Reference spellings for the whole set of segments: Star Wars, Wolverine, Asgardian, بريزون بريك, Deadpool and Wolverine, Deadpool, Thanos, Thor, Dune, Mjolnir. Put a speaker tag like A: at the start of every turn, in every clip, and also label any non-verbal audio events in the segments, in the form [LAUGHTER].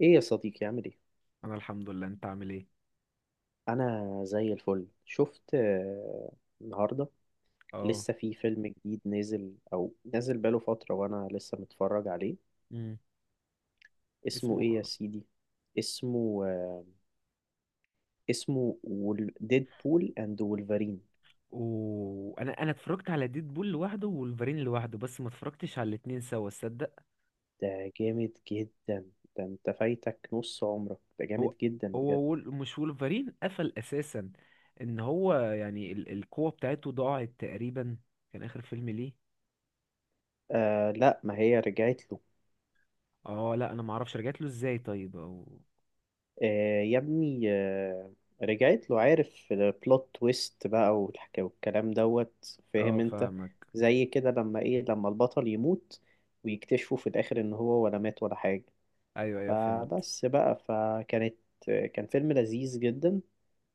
A: ايه يا صديقي، عامل ايه؟
B: انا الحمد لله، انت عامل ايه؟
A: انا زي الفل. شفت آه، النهارده
B: اه.
A: لسه في فيلم جديد نازل، او نازل بقاله فتره وانا لسه متفرج عليه.
B: امم.
A: اسمه
B: اسمه.
A: ايه يا سيدي؟ اسمه آه، اسمه ديدبول اند وولفرين.
B: وانا اتفرجت على ديد بول لوحده وولفرين لوحده، بس ما اتفرجتش على الاتنين سوا، تصدق.
A: ده جامد جدا. ده انت فايتك نص عمرك، ده
B: هو
A: جامد جدا
B: هو
A: بجد.
B: وول... مش وولفرين قفل اساسا، ان هو يعني القوة بتاعته ضاعت تقريبا، كان اخر فيلم ليه.
A: آه، لا ما هي رجعت له.
B: اه لا، انا ما اعرفش رجعت له ازاي، طيب او.
A: آه يا ابني آه، رجعت له. عارف البلوت تويست بقى والحكاية والكلام دوت؟
B: اه
A: فاهم انت؟
B: فاهمك.
A: زي كده لما البطل يموت ويكتشفوا في الاخر ان هو ولا مات ولا حاجة.
B: ايوه ايوه فهمت.
A: فبس بقى فكانت آه، كان فيلم لذيذ جدا.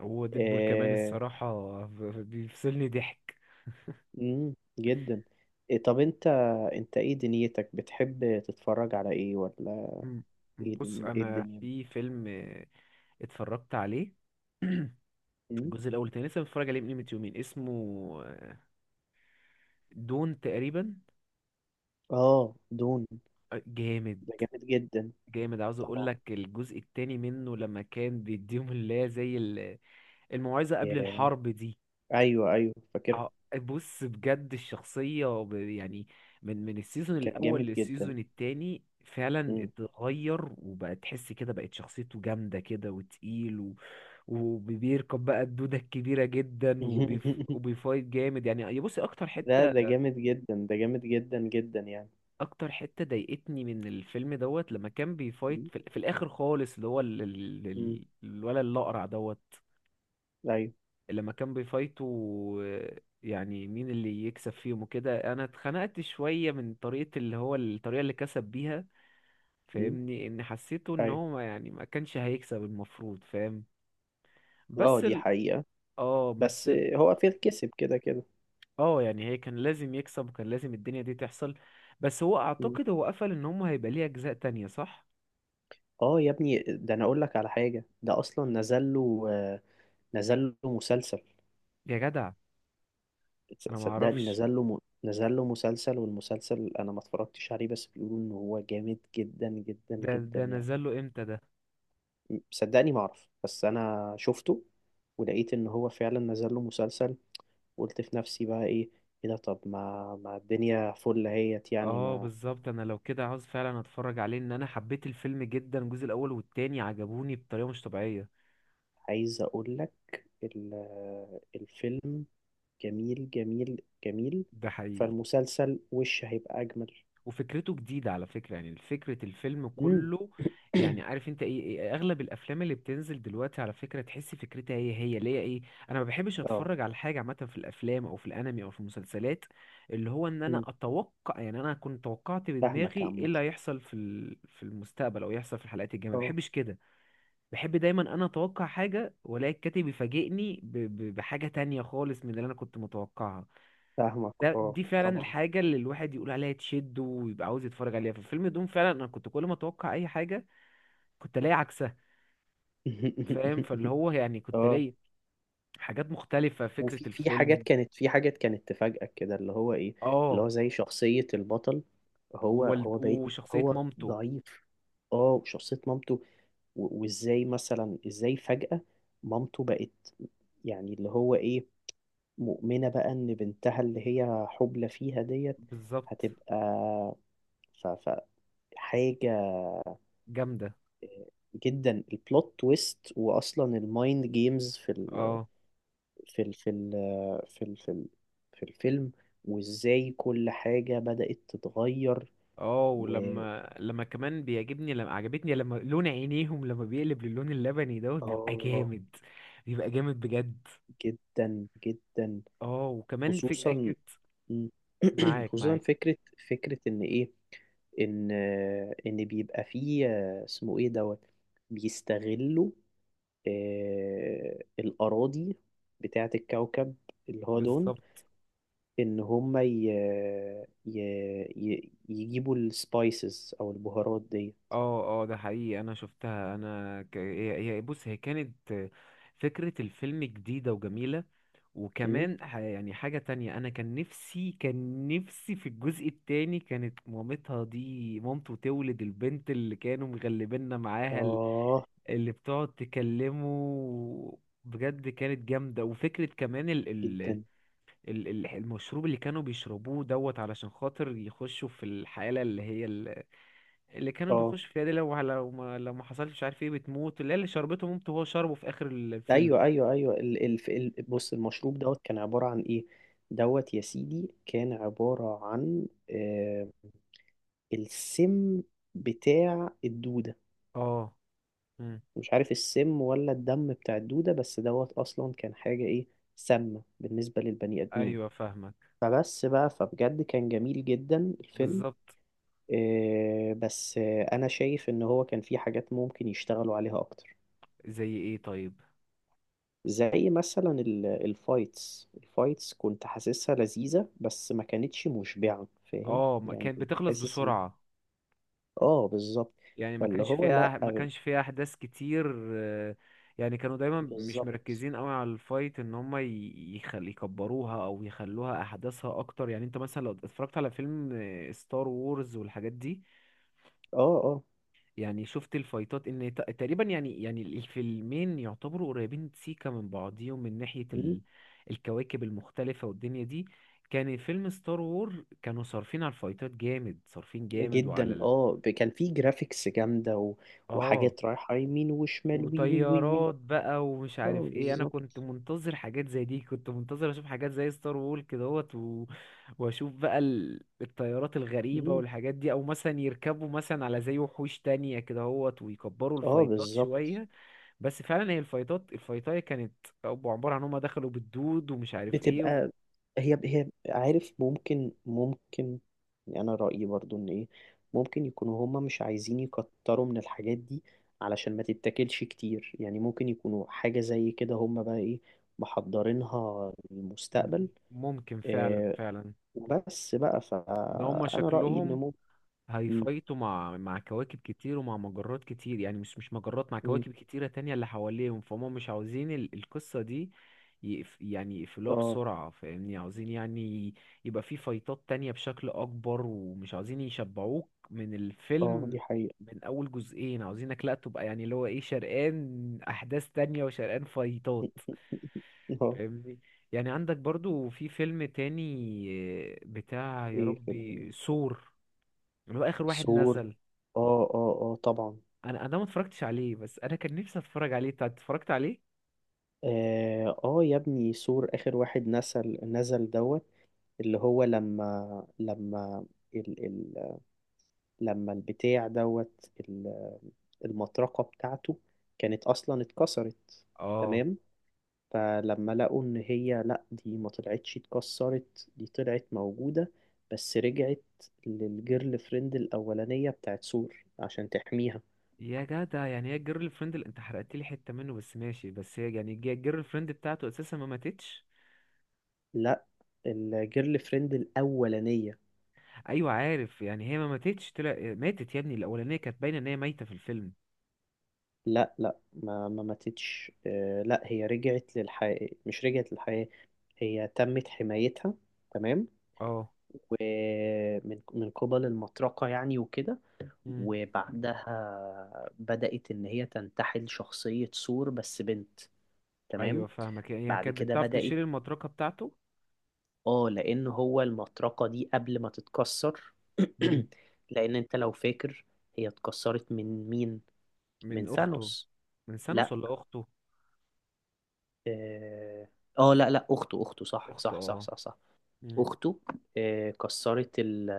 B: هو ديد بول كمان
A: آه.
B: الصراحة بيفصلني ضحك.
A: مم، جدا. إيه طب انت، انت ايه دنيتك بتحب تتفرج على ايه ولا
B: مم.
A: ايه
B: بص
A: دن- ايه
B: انا
A: الدنيا؟
B: في فيلم اتفرجت عليه
A: مم؟
B: الجزء الاول، تاني لسه متفرج عليه من قيمه يومين، اسمه دون تقريبا.
A: اه، دون.
B: جامد.
A: ده جامد جدا.
B: جامد. عاوز اقول لك الجزء التاني منه لما كان بيديهم اللي هي زي الموعظه قبل
A: طبعا.
B: الحرب دي.
A: ايوه ايوه فاكرها.
B: ع- بص بجد الشخصيه يعني من السيزون
A: كان
B: الاول
A: جامد جدا.
B: للسيزون التاني فعلا
A: مم.
B: اتغير، وبقى تحس كده بقت شخصيته جامده كده وتقيل وبيركب بقى الدودة الكبيرة جدا،
A: [LAUGHS]
B: وبيفايت جامد، يعني يا بصي أكتر
A: لا
B: حتة،
A: ده جامد جدا، ده جامد جدا جدا يعني.
B: اكتر حتة ضايقتني من الفيلم دوت لما كان بيفايت
A: مم.
B: في الاخر خالص، اللي هو
A: مم.
B: الولد الاقرع دوت.
A: ايوه.
B: لما كان بيفايتوا يعني مين اللي يكسب فيهم وكده، انا اتخنقت شوية من طريقة اللي هو الطريقة اللي كسب بيها.
A: مم.
B: فاهمني، ان حسيته ان
A: ايوه.
B: هو يعني ما كانش هيكسب المفروض، فاهم.
A: اه
B: بس
A: دي
B: ال...
A: حقيقة.
B: اه
A: بس هو فيل كسب كده كده.
B: اه يعني هي كان لازم يكسب، وكان لازم الدنيا دي تحصل. بس هو
A: مم.
B: اعتقد هو قفل ان هم هيبقى ليه اجزاء تانية، صح.
A: اه يا ابني، ده انا اقول لك على حاجة. ده اصلا نزل له مسلسل.
B: يا جدع.
A: تص-
B: انا ما
A: صدقني
B: اعرفش.
A: نزل له م... نزل له مسلسل، والمسلسل انا ما اتفرجتش عليه، بس بيقولوا ان هو جامد جدا جدا
B: ده
A: جدا
B: ده
A: يعني.
B: نزل له امتى ده.
A: صدقني ما اعرف، بس انا شفته ولقيت ان هو فعلا نزل له مسلسل. قلت في نفسي بقى: ايه ايه ده؟ طب ما الدنيا فل اهيت يعني
B: اه
A: ما.
B: بالظبط، انا لو كده عاوز فعلا اتفرج عليه، ان انا حبيت الفيلم جدا، الجزء الاول والتاني عجبوني بطريقه مش طبيعيه.
A: عايز اقول لك، ال- الفيلم جميل جميل جميل،
B: ده حقيقي.
A: فالمسلسل وش هيبقى اجمل.
B: وفكرته جديده على فكره، يعني فكره الفيلم
A: امم.
B: كله. يعني
A: [COUGHS]
B: عارف انت إيه اغلب الافلام اللي بتنزل دلوقتي، على فكره تحس فكرتها هي هي ليه ايه. انا ما بحبش
A: اه.
B: اتفرج على حاجه عامه في الافلام او في الانمي او في المسلسلات، اللي هو ان انا
A: امم،
B: اتوقع، يعني انا كنت توقعت بدماغي
A: فاهمك
B: ايه
A: عامة.
B: اللي هيحصل في في المستقبل او يحصل في الحلقات الجايه، ما
A: اه،
B: بحبش كده. بحب دايما انا اتوقع حاجه، والاقي الكاتب يفاجئني بحاجه تانية خالص من اللي انا كنت متوقعها.
A: فاهمك
B: ده
A: اه
B: دي فعلا
A: طبعا.
B: الحاجه اللي الواحد يقول عليها تشد، ويبقى عاوز يتفرج عليها في فيلم دوم، فعلا انا كنت كل ما اتوقع اي حاجه كنت الاقي عكسها. فاهم، فاللي
A: [LAUGHS]
B: هو يعني كنت
A: اه.
B: الاقي حاجات مختلفه فكره
A: وفي في حاجات
B: الفيلم.
A: كانت في حاجات كانت تفاجئك كده، اللي هو ايه، اللي
B: اه.
A: هو زي شخصية البطل. هو هو باين
B: وشخصيه
A: هو
B: مامته.
A: ضعيف. اه، وشخصية مامته. وازاي مثلا، ازاي فجأة مامته بقت، يعني اللي هو ايه، مؤمنة بقى ان بنتها اللي هي حبلى فيها ديت
B: بالظبط.
A: هتبقى. ف حاجة
B: جامده.
A: جدا، البلوت تويست، واصلا المايند جيمز في ال
B: اه.
A: في ال في ال في ال في ال في الفيلم، وازاي كل حاجة بدأت تتغير.
B: اه
A: و،
B: ولما لما كمان بيعجبني لما عجبتني لما لون عينيهم لما بيقلب للون اللبني دوت بيبقى
A: اه،
B: جامد، بيبقى جامد بجد.
A: جدا جدا.
B: اه وكمان في
A: خصوصا.
B: اكيد.
A: مم. [CLEARS THROAT]
B: معاك
A: خصوصا
B: معاك.
A: فكرة، فكرة ان ايه، ان ان بيبقى فيه اسمه ايه دوت، بيستغلوا الأراضي بتاعة الكوكب اللي هو دون.
B: بالظبط.
A: ان هم ي... يجيبوا السبايسز او البهارات
B: اه. اه ده حقيقي، انا شفتها، انا بص هي كانت فكرة الفيلم جديدة وجميلة.
A: دي.
B: وكمان يعني حاجة تانية، انا كان نفسي كان نفسي في الجزء التاني كانت مامتها دي مامته تولد البنت اللي كانوا مغلبيننا معاها،
A: آه.
B: اللي بتقعد تكلمه، بجد كانت جامدة. وفكرة كمان
A: جدا.
B: المشروب اللي كانوا بيشربوه دوت علشان خاطر يخشوا في الحالة اللي هي اللي كانوا
A: آه،
B: بيخشوا فيها دي، لو لو ما حصلش مش عارف ايه بتموت، اللي هي اللي شربته مامته وهو شربه في آخر الفيلم.
A: أيوه أيوه أيوه. ال ال ال بص المشروب دوت كان عبارة عن إيه؟ دوت يا سيدي كان عبارة عن السم بتاع الدودة.
B: اه. مم.
A: مش عارف السم ولا الدم بتاع الدودة، بس دوت أصلا كان حاجة إيه، سامة بالنسبة للبني آدمين.
B: ايوه فاهمك.
A: فبس بقى فبجد كان جميل جدا الفيلم.
B: بالظبط.
A: آه بس آه أنا شايف إن هو كان فيه حاجات ممكن يشتغلوا عليها أكتر.
B: زي ايه طيب.
A: زي مثلا الفايتس، الفايتس كنت حاسسها لذيذة بس ما كانتش مشبعة. فاهم
B: اه ما
A: يعني،
B: كانت
A: كنت
B: بتخلص
A: حاسس ان.
B: بسرعة،
A: اه بالظبط.
B: يعني ما
A: فاللي
B: كانش
A: هو لا
B: فيها ما كانش فيها احداث كتير. يعني كانوا دايما مش
A: بالظبط.
B: مركزين قوي على الفايت ان هم يخل يكبروها او يخلوها احداثها اكتر. يعني انت مثلا لو اتفرجت على فيلم ستار وورز والحاجات دي،
A: اه اه.
B: يعني شفت الفايتات ان تقريبا يعني الفيلمين يعتبروا قريبين سيكا من بعضيهم من ناحية
A: مم.
B: الكواكب المختلفة والدنيا دي. كان فيلم ستار وور كانوا صارفين على الفايتات جامد، صارفين جامد وعلى
A: جدا. اه. كان في جرافيكس جامدة و،
B: اه
A: وحاجات رايحة يمين وشمال، وي وي وي وي.
B: وطيارات بقى ومش
A: اه
B: عارف ايه، انا كنت
A: بالظبط.
B: منتظر حاجات زي دي، كنت منتظر اشوف حاجات زي ستار وول كدهوت واشوف بقى الطيارات الغريبة
A: مم.
B: والحاجات دي، او مثلا يركبوا مثلا على زي وحوش تانية كدهوت ويكبروا
A: اه
B: الفايتات
A: بالظبط.
B: شوية. بس فعلا هي الفايتات الفايتاية كانت أبو عبارة عن هما دخلوا بالدود، ومش عارف ايه
A: بتبقى، هي عارف، ممكن يعني انا رأيي برضو ان ايه، ممكن يكونوا هما مش عايزين يكتروا من الحاجات دي علشان ما تتاكلش كتير. يعني ممكن يكونوا حاجة زي كده، هما بقى ايه، محضرينها للمستقبل.
B: ممكن فعلا
A: آه.
B: فعلا.
A: وبس بقى،
B: ان هما
A: فانا رأيي ان
B: شكلهم
A: ممكن. م-
B: هيفايتوا مع كواكب كتير ومع مجرات كتير، يعني مش مش مجرات مع
A: م-
B: كواكب كتيرة تانية اللي حواليهم، فهم مش عاوزين القصة دي يقف، يعني يقفلوها
A: اه
B: بسرعة، فاهمني، عاوزين يعني يبقى في فايتات تانية بشكل أكبر، ومش عاوزين يشبعوك من
A: اه
B: الفيلم
A: دي حقيقة.
B: من أول جزئين، عاوزينك لأ تبقى يعني اللي هو إيه، شرقان أحداث تانية وشرقان فايتات.
A: [LAUGHS] اه.
B: فاهمني. يعني عندك برضو في فيلم تاني بتاع يا
A: ايه فيلم
B: ربي
A: إيه؟
B: سور، اللي هو آخر واحد
A: سور.
B: نزل.
A: اه اه اه طبعا.
B: انا ما اتفرجتش عليه، بس انا كان نفسي اتفرج عليه، انت اتفرجت عليه.
A: اه، آه يا ابني، سور اخر واحد نزل، نزل دوت. اللي هو لما لما ال ال لما البتاع دوت المطرقة بتاعته كانت اصلا اتكسرت.
B: اه.
A: تمام. فلما لقوا ان هي لا، دي ما طلعتش اتكسرت، دي طلعت موجودة، بس رجعت للجيرل فريند الاولانية بتاعت سور عشان تحميها.
B: يا جدع، يعني هي الجيرل فريند اللي انت حرقت لي حته منه بس ماشي، بس هي يعني الجيرل فريند بتاعته اساسا ما ماتتش.
A: لا، الجيرل فريند الاولانية.
B: ايوه عارف، يعني هي ما ماتتش طلع ماتت يا ابني، الاولانيه كانت باينه ان هي ميته في الفيلم.
A: لا لا، ما ماتتش. آه، لا هي رجعت للحياة، مش رجعت للحياة، هي تمت حمايتها. تمام.
B: اه.
A: ومن قبل المطرقة يعني وكده.
B: امم.
A: وبعدها بدأت إن هي تنتحل شخصية ثور بس بنت.
B: ايوه
A: تمام.
B: فاهمك، يعني
A: بعد
B: كانت
A: كده
B: بتعرف
A: بدأت.
B: تشيل المطرقه بتاعته.
A: اه، لأن هو المطرقة دي قبل ما تتكسر.
B: امم.
A: [CLEARS THROAT] لأن أنت لو فاكر، هي اتكسرت من مين؟ من
B: من اخته.
A: ثانوس.
B: من سانوس
A: لا.
B: ولا اخته.
A: اه. آه، لا لا اخته، اخته، صح
B: اخته
A: صح
B: اه.
A: صح صح صح.
B: امم.
A: اخته، كسرت ال،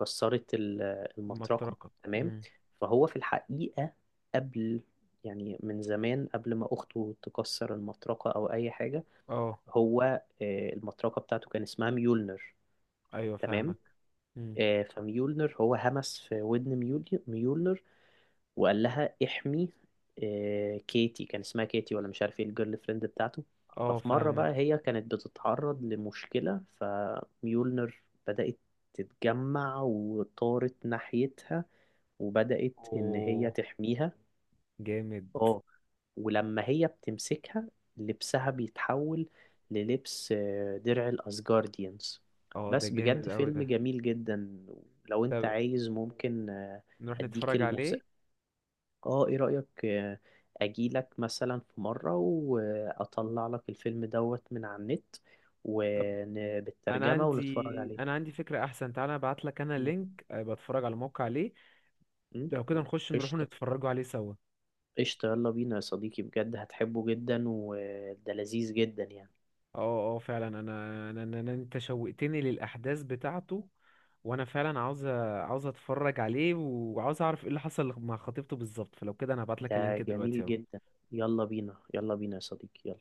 A: كسرت ال- المطرقة.
B: المطرقه.
A: تمام.
B: امم.
A: فهو في الحقيقة قبل، يعني من زمان قبل ما أخته تكسر المطرقة أو أي حاجة،
B: اه
A: هو، المطرقة بتاعته كان اسمها ميولنر.
B: ايوه
A: تمام.
B: فاهمك. امم.
A: فميولنر هو همس في ودن، ميولنر، وقال لها احمي كيتي. كان اسمها كيتي ولا مش عارف ايه الجيرل فريند بتاعته.
B: اه
A: ففي مرة
B: فاهمك.
A: بقى هي كانت بتتعرض لمشكلة، فميولنر بدأت تتجمع وطارت ناحيتها وبدأت إن هي تحميها.
B: جامد.
A: اه. ولما هي بتمسكها، لبسها بيتحول للبس، درع الأسجارديانز.
B: اه ده
A: بس
B: جامد
A: بجد
B: قوي
A: فيلم
B: ده.
A: جميل جدا. لو انت
B: طب
A: عايز ممكن،
B: نروح
A: اديك
B: نتفرج عليه.
A: الموسيقى. اه ايه رأيك، اجيلك مثلا في مرة واطلع لك الفيلم دوت من على النت
B: طب انا
A: وبالترجمة ونتفرج
B: عندي
A: عليه.
B: انا عندي فكرة احسن، تعالى ابعت لك انا
A: م-
B: لينك بتفرج على الموقع عليه،
A: م؟
B: لو كده نخش نروح
A: قشطة.
B: نتفرجوا عليه سوا.
A: قشطة، يلا بينا يا صديقي، بجد هتحبه جدا وده لذيذ جدا يعني.
B: اه اه فعلا انا انت شوقتني للاحداث بتاعته، وانا فعلا عاوز عاوز اتفرج عليه وعاوز اعرف ايه اللي حصل مع خطيبته بالظبط، فلو كده انا هبعت لك
A: ده
B: اللينك دلوقتي
A: جميل
B: اهو.
A: جدا. يلا بينا، يلا بينا يا صديقي، يلا.